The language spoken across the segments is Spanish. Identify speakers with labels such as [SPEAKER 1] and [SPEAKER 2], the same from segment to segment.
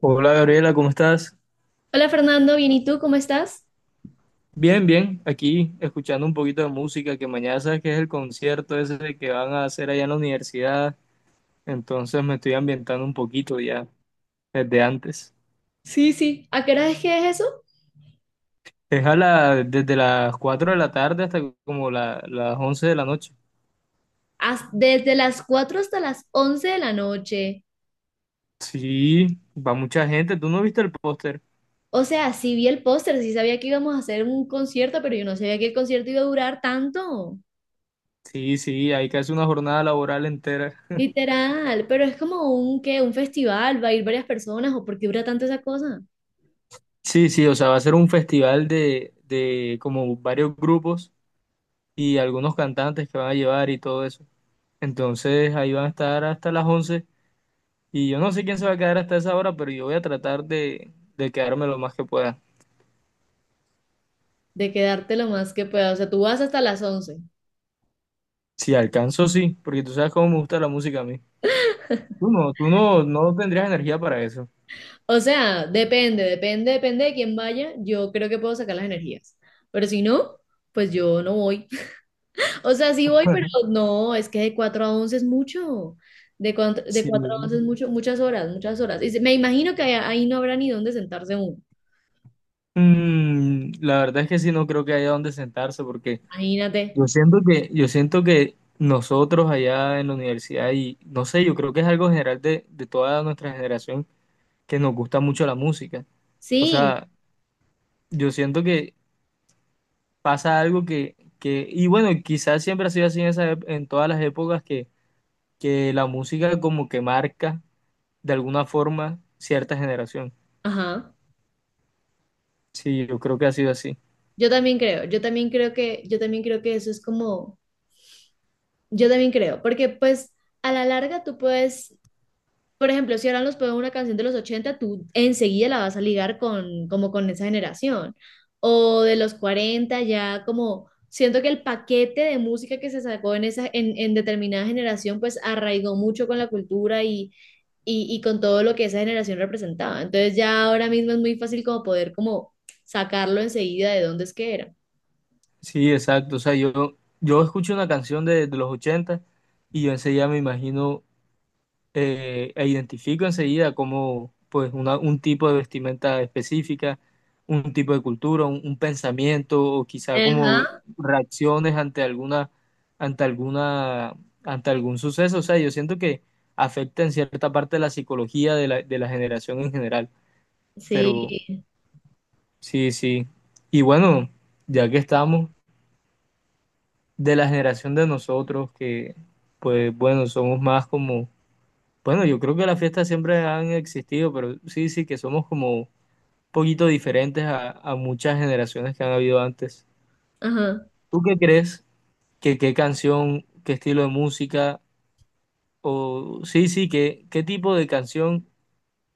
[SPEAKER 1] Hola Gabriela, ¿cómo estás?
[SPEAKER 2] Hola Fernando, bien, ¿y tú cómo estás?
[SPEAKER 1] Bien, bien, aquí escuchando un poquito de música, que mañana sabes que es el concierto ese que van a hacer allá en la universidad, entonces me estoy ambientando un poquito ya desde antes.
[SPEAKER 2] Sí, sí. ¿A qué hora es que es eso?
[SPEAKER 1] Es desde las 4 de la tarde hasta como las 11 de la noche.
[SPEAKER 2] Desde las 4 hasta las 11 de la noche.
[SPEAKER 1] Sí, va mucha gente, ¿tú no viste el póster?
[SPEAKER 2] O sea, sí vi el póster, sí sabía que íbamos a hacer un concierto, pero yo no sabía que el concierto iba a durar tanto.
[SPEAKER 1] Sí, sí, hay casi una jornada laboral entera.
[SPEAKER 2] Literal, pero es como un qué, un festival, va a ir varias personas, o por qué dura tanto esa cosa.
[SPEAKER 1] Sí, sí, o sea, va a ser un festival de como varios grupos y algunos cantantes que van a llevar y todo eso. Entonces ahí van a estar hasta las 11 y yo no sé quién se va a quedar hasta esa hora, pero yo voy a tratar de quedarme lo más que pueda.
[SPEAKER 2] De quedarte lo más que pueda. O sea, tú vas hasta las 11.
[SPEAKER 1] Si alcanzo, sí, porque tú sabes cómo me gusta la música a mí. Tú no, no tendrías energía para eso.
[SPEAKER 2] O sea, depende, depende, depende de quién vaya. Yo creo que puedo sacar las energías. Pero si no, pues yo no voy. O sea, sí voy, pero no, es que de 4 a 11 es mucho. De 4, de
[SPEAKER 1] Sí.
[SPEAKER 2] 4 a 11 es mucho, muchas horas, muchas horas. Y me imagino que ahí, ahí no habrá ni dónde sentarse uno.
[SPEAKER 1] La verdad es que sí, no creo que haya donde sentarse, porque
[SPEAKER 2] Imagínate.
[SPEAKER 1] yo siento que nosotros allá en la universidad, y no sé, yo creo que es algo general de toda nuestra generación, que nos gusta mucho la música. O
[SPEAKER 2] Sí,
[SPEAKER 1] sea, yo siento que pasa algo que y bueno, quizás siempre ha sido así en todas las épocas que la música como que marca de alguna forma cierta generación.
[SPEAKER 2] ajá.
[SPEAKER 1] Sí, yo creo que ha sido así.
[SPEAKER 2] Yo también creo que, yo también creo que eso es como, porque pues a la larga tú puedes. Por ejemplo, si ahora nos ponen una canción de los 80, tú enseguida la vas a ligar con, como con esa generación. O de los 40, ya como siento que el paquete de música que se sacó en esa, en determinada generación, pues arraigó mucho con la cultura y con todo lo que esa generación representaba. Entonces ya ahora mismo es muy fácil como poder como sacarlo enseguida de dónde es que era.
[SPEAKER 1] Sí, exacto. O sea, yo escucho una canción de los 80 y yo enseguida me imagino e identifico enseguida como pues un tipo de vestimenta específica, un tipo de cultura, un pensamiento o quizá como
[SPEAKER 2] Ajá,
[SPEAKER 1] reacciones ante alguna, ante algún suceso. O sea, yo siento que afecta en cierta parte la psicología de la generación en general, pero
[SPEAKER 2] sí,
[SPEAKER 1] sí, sí. Y bueno, ya que estamos de la generación de nosotros, que pues bueno, somos más como bueno, yo creo que las fiestas siempre han existido, pero sí, sí, que somos como un poquito diferentes a muchas generaciones que han habido antes.
[SPEAKER 2] ajá.
[SPEAKER 1] ¿Tú qué crees? ¿Que ¿qué canción, qué estilo de música? O sí, sí, que, ¿qué tipo de canción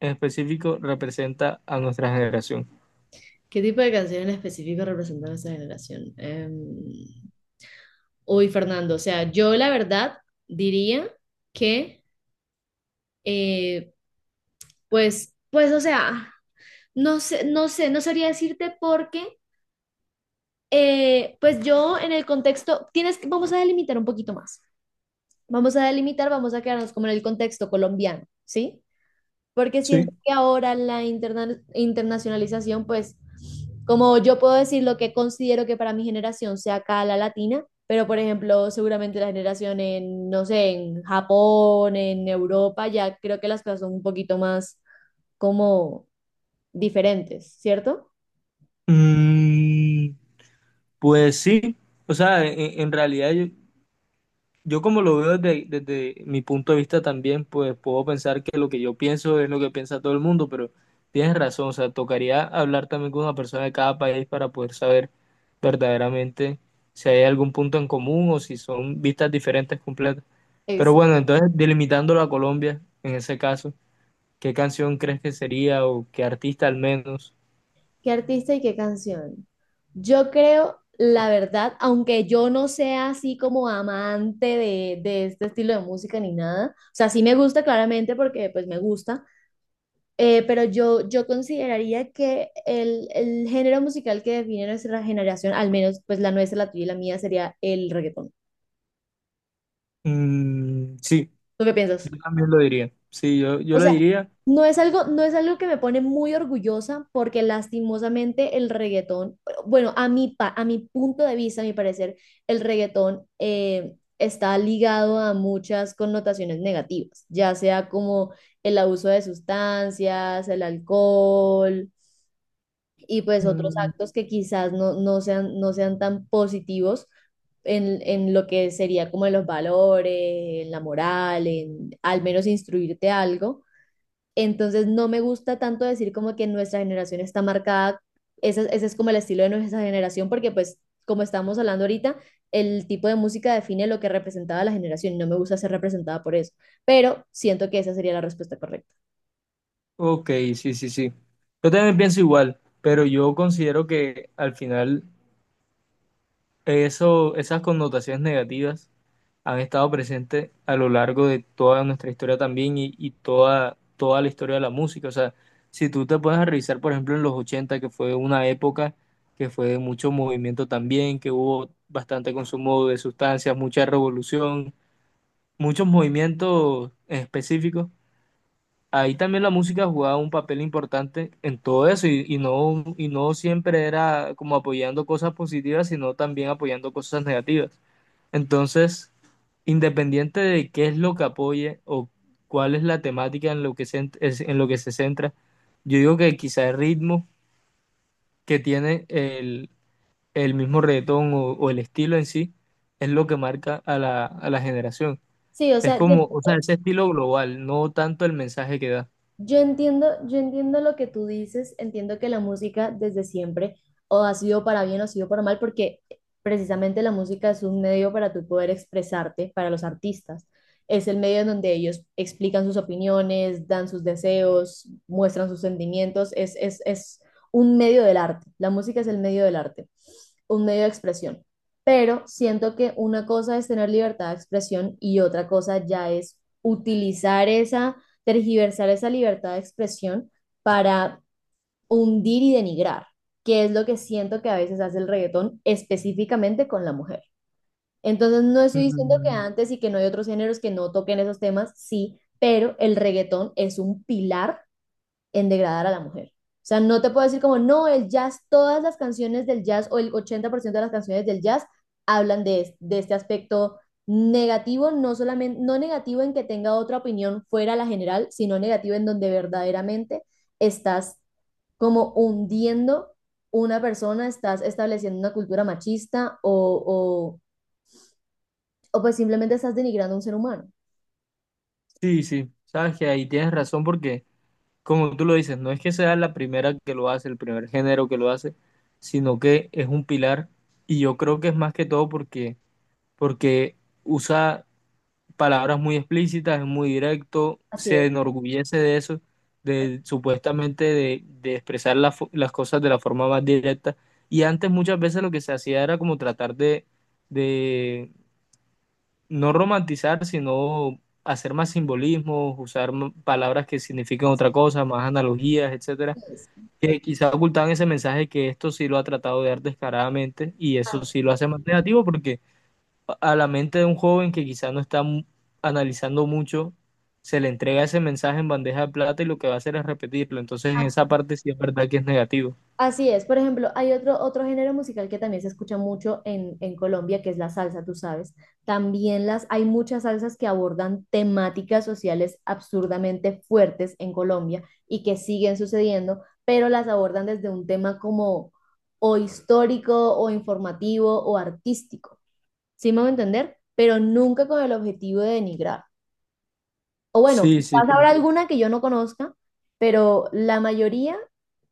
[SPEAKER 1] en específico representa a nuestra generación?
[SPEAKER 2] ¿Qué tipo de canción en específico representaba esa generación? Uy, Fernando, o sea, yo la verdad diría que, eh, pues, pues, o sea, no sé, no sé, no sabría decirte porque, pues yo en el contexto, vamos a delimitar un poquito más, vamos a quedarnos como en el contexto colombiano, ¿sí? Porque
[SPEAKER 1] Sí.
[SPEAKER 2] siento que ahora la internacionalización, pues, como yo puedo decir lo que considero que para mi generación sea acá la latina, pero por ejemplo, seguramente la generación en, no sé, en Japón, en Europa, ya creo que las cosas son un poquito más como diferentes, ¿cierto?
[SPEAKER 1] Mm, pues sí, o sea, en realidad yo, yo como lo veo desde mi punto de vista también, pues puedo pensar que lo que yo pienso es lo que piensa todo el mundo, pero tienes razón, o sea, tocaría hablar también con una persona de cada país para poder saber verdaderamente si hay algún punto en común o si son vistas diferentes completas. Pero bueno, entonces delimitándolo a Colombia, en ese caso, ¿qué canción crees que sería o qué artista al menos?
[SPEAKER 2] ¿Qué artista y qué canción? Yo creo, la verdad, aunque yo no sea así como amante de este estilo de música ni nada. O sea, sí me gusta claramente porque pues me gusta, pero yo consideraría que el género musical que define nuestra generación, al menos pues la nuestra, la tuya y la mía, sería el reggaetón.
[SPEAKER 1] Mm, sí,
[SPEAKER 2] ¿Tú qué piensas?
[SPEAKER 1] yo también lo diría. Sí, yo
[SPEAKER 2] O
[SPEAKER 1] lo
[SPEAKER 2] sea,
[SPEAKER 1] diría.
[SPEAKER 2] no es algo que me pone muy orgullosa porque lastimosamente el reggaetón, bueno, a mi punto de vista, a mi parecer, el reggaetón, está ligado a muchas connotaciones negativas, ya sea como el abuso de sustancias, el alcohol y pues otros actos que quizás no, no sean tan positivos en lo que sería como en los valores, en la moral, en al menos instruirte algo. Entonces no me gusta tanto decir como que nuestra generación está marcada, ese es como el estilo de nuestra generación, porque pues como estamos hablando ahorita, el tipo de música define lo que representaba la generación y no me gusta ser representada por eso, pero siento que esa sería la respuesta correcta.
[SPEAKER 1] Ok, sí, sí, sí. Yo también pienso igual, pero yo considero que al final eso, esas connotaciones negativas han estado presentes a lo largo de toda nuestra historia también y toda la historia de la música. O sea, si tú te pones a revisar, por ejemplo, en los 80 que fue una época que fue de mucho movimiento también, que hubo bastante consumo de sustancias, mucha revolución, muchos movimientos específicos. Ahí también la música jugaba un papel importante en todo eso y no siempre era como apoyando cosas positivas, sino también apoyando cosas negativas. Entonces, independiente de qué es lo que apoye o cuál es la temática en lo que se centra, yo digo que quizá el ritmo que tiene el mismo reggaetón o el estilo en sí es lo que marca a la generación.
[SPEAKER 2] Sí, o
[SPEAKER 1] Es
[SPEAKER 2] sea, yo-
[SPEAKER 1] como, o sea, ese estilo global, no tanto el mensaje que da.
[SPEAKER 2] Yo entiendo, yo entiendo lo que tú dices, entiendo que la música desde siempre o ha sido para bien o ha sido para mal, porque precisamente la música es un medio para tú poder expresarte, para los artistas. Es el medio en donde ellos explican sus opiniones, dan sus deseos, muestran sus sentimientos. Es un medio del arte. La música es el medio del arte, un medio de expresión. Pero siento que una cosa es tener libertad de expresión y otra cosa ya es utilizar esa, tergiversar esa libertad de expresión para hundir y denigrar, que es lo que siento que a veces hace el reggaetón específicamente con la mujer. Entonces, no estoy diciendo que
[SPEAKER 1] Mm.
[SPEAKER 2] antes y que no hay otros géneros que no toquen esos temas, sí, pero el reggaetón es un pilar en degradar a la mujer. O sea, no te puedo decir como, no, el jazz, todas las canciones del jazz o el 80% de las canciones del jazz hablan de este aspecto negativo, no solamente, no negativo en que tenga otra opinión fuera la general, sino negativo en donde verdaderamente estás como hundiendo una persona, estás estableciendo una cultura machista o pues simplemente estás denigrando a un ser humano.
[SPEAKER 1] Sí, sí, sabes que ahí tienes razón porque, como tú lo dices, no es que sea la primera que lo hace, el primer género que lo hace, sino que es un pilar y yo creo que es más que todo porque usa palabras muy explícitas, es muy directo,
[SPEAKER 2] Así
[SPEAKER 1] se
[SPEAKER 2] es.
[SPEAKER 1] enorgullece de eso, de supuestamente de expresar las cosas de la forma más directa y antes muchas veces lo que se hacía era como tratar de, no romantizar, sino hacer más simbolismos, usar palabras que significan
[SPEAKER 2] Así
[SPEAKER 1] otra cosa, más analogías, etcétera,
[SPEAKER 2] es.
[SPEAKER 1] que quizá ocultan ese mensaje que esto sí lo ha tratado de dar descaradamente y eso
[SPEAKER 2] Así
[SPEAKER 1] sí lo
[SPEAKER 2] es.
[SPEAKER 1] hace más negativo porque a la mente de un joven que quizá no está analizando mucho, se le entrega ese mensaje en bandeja de plata y lo que va a hacer es repetirlo. Entonces, en esa
[SPEAKER 2] Así
[SPEAKER 1] parte sí es verdad que es negativo.
[SPEAKER 2] Así es, por ejemplo, hay otro género musical que también se escucha mucho en Colombia, que es la salsa, tú sabes. También las, hay muchas salsas que abordan temáticas sociales absurdamente fuertes en Colombia y que siguen sucediendo, pero las abordan desde un tema como o histórico o informativo o artístico. ¿Sí me voy a entender? Pero nunca con el objetivo de denigrar. O bueno,
[SPEAKER 1] Sí, sí,
[SPEAKER 2] quizás
[SPEAKER 1] sí.
[SPEAKER 2] habrá alguna que yo no conozca, pero la mayoría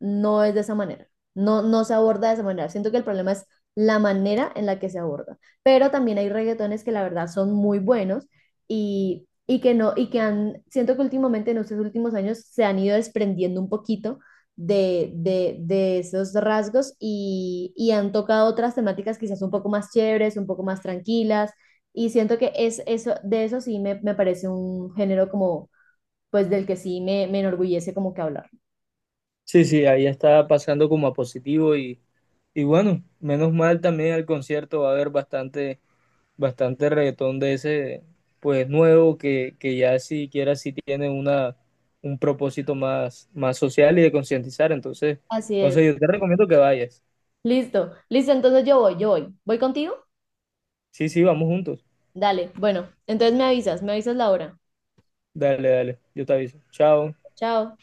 [SPEAKER 2] no es de esa manera. No, no se aborda de esa manera. Siento que el problema es la manera en la que se aborda. Pero también hay reggaetones que la verdad son muy buenos y que no, y que han, siento que últimamente en estos últimos años se han ido desprendiendo un poquito de esos rasgos y han tocado otras temáticas quizás un poco más chéveres, un poco más tranquilas, y siento que es eso. De eso sí me parece un género como, pues del que sí me enorgullece como que hablar.
[SPEAKER 1] Sí, sí, ahí está pasando como a positivo Y bueno, menos mal también al concierto va a haber bastante reggaetón de ese, pues nuevo, que ya siquiera sí tiene una, un propósito más, más social y de concientizar. Entonces,
[SPEAKER 2] Así
[SPEAKER 1] no
[SPEAKER 2] es.
[SPEAKER 1] sé, yo te recomiendo que vayas.
[SPEAKER 2] Listo, listo, entonces yo voy, yo voy. ¿Voy contigo?
[SPEAKER 1] Sí, sí, vamos juntos.
[SPEAKER 2] Dale, bueno, entonces me avisas la hora.
[SPEAKER 1] Dale, dale, yo te aviso. Chao.
[SPEAKER 2] Chao.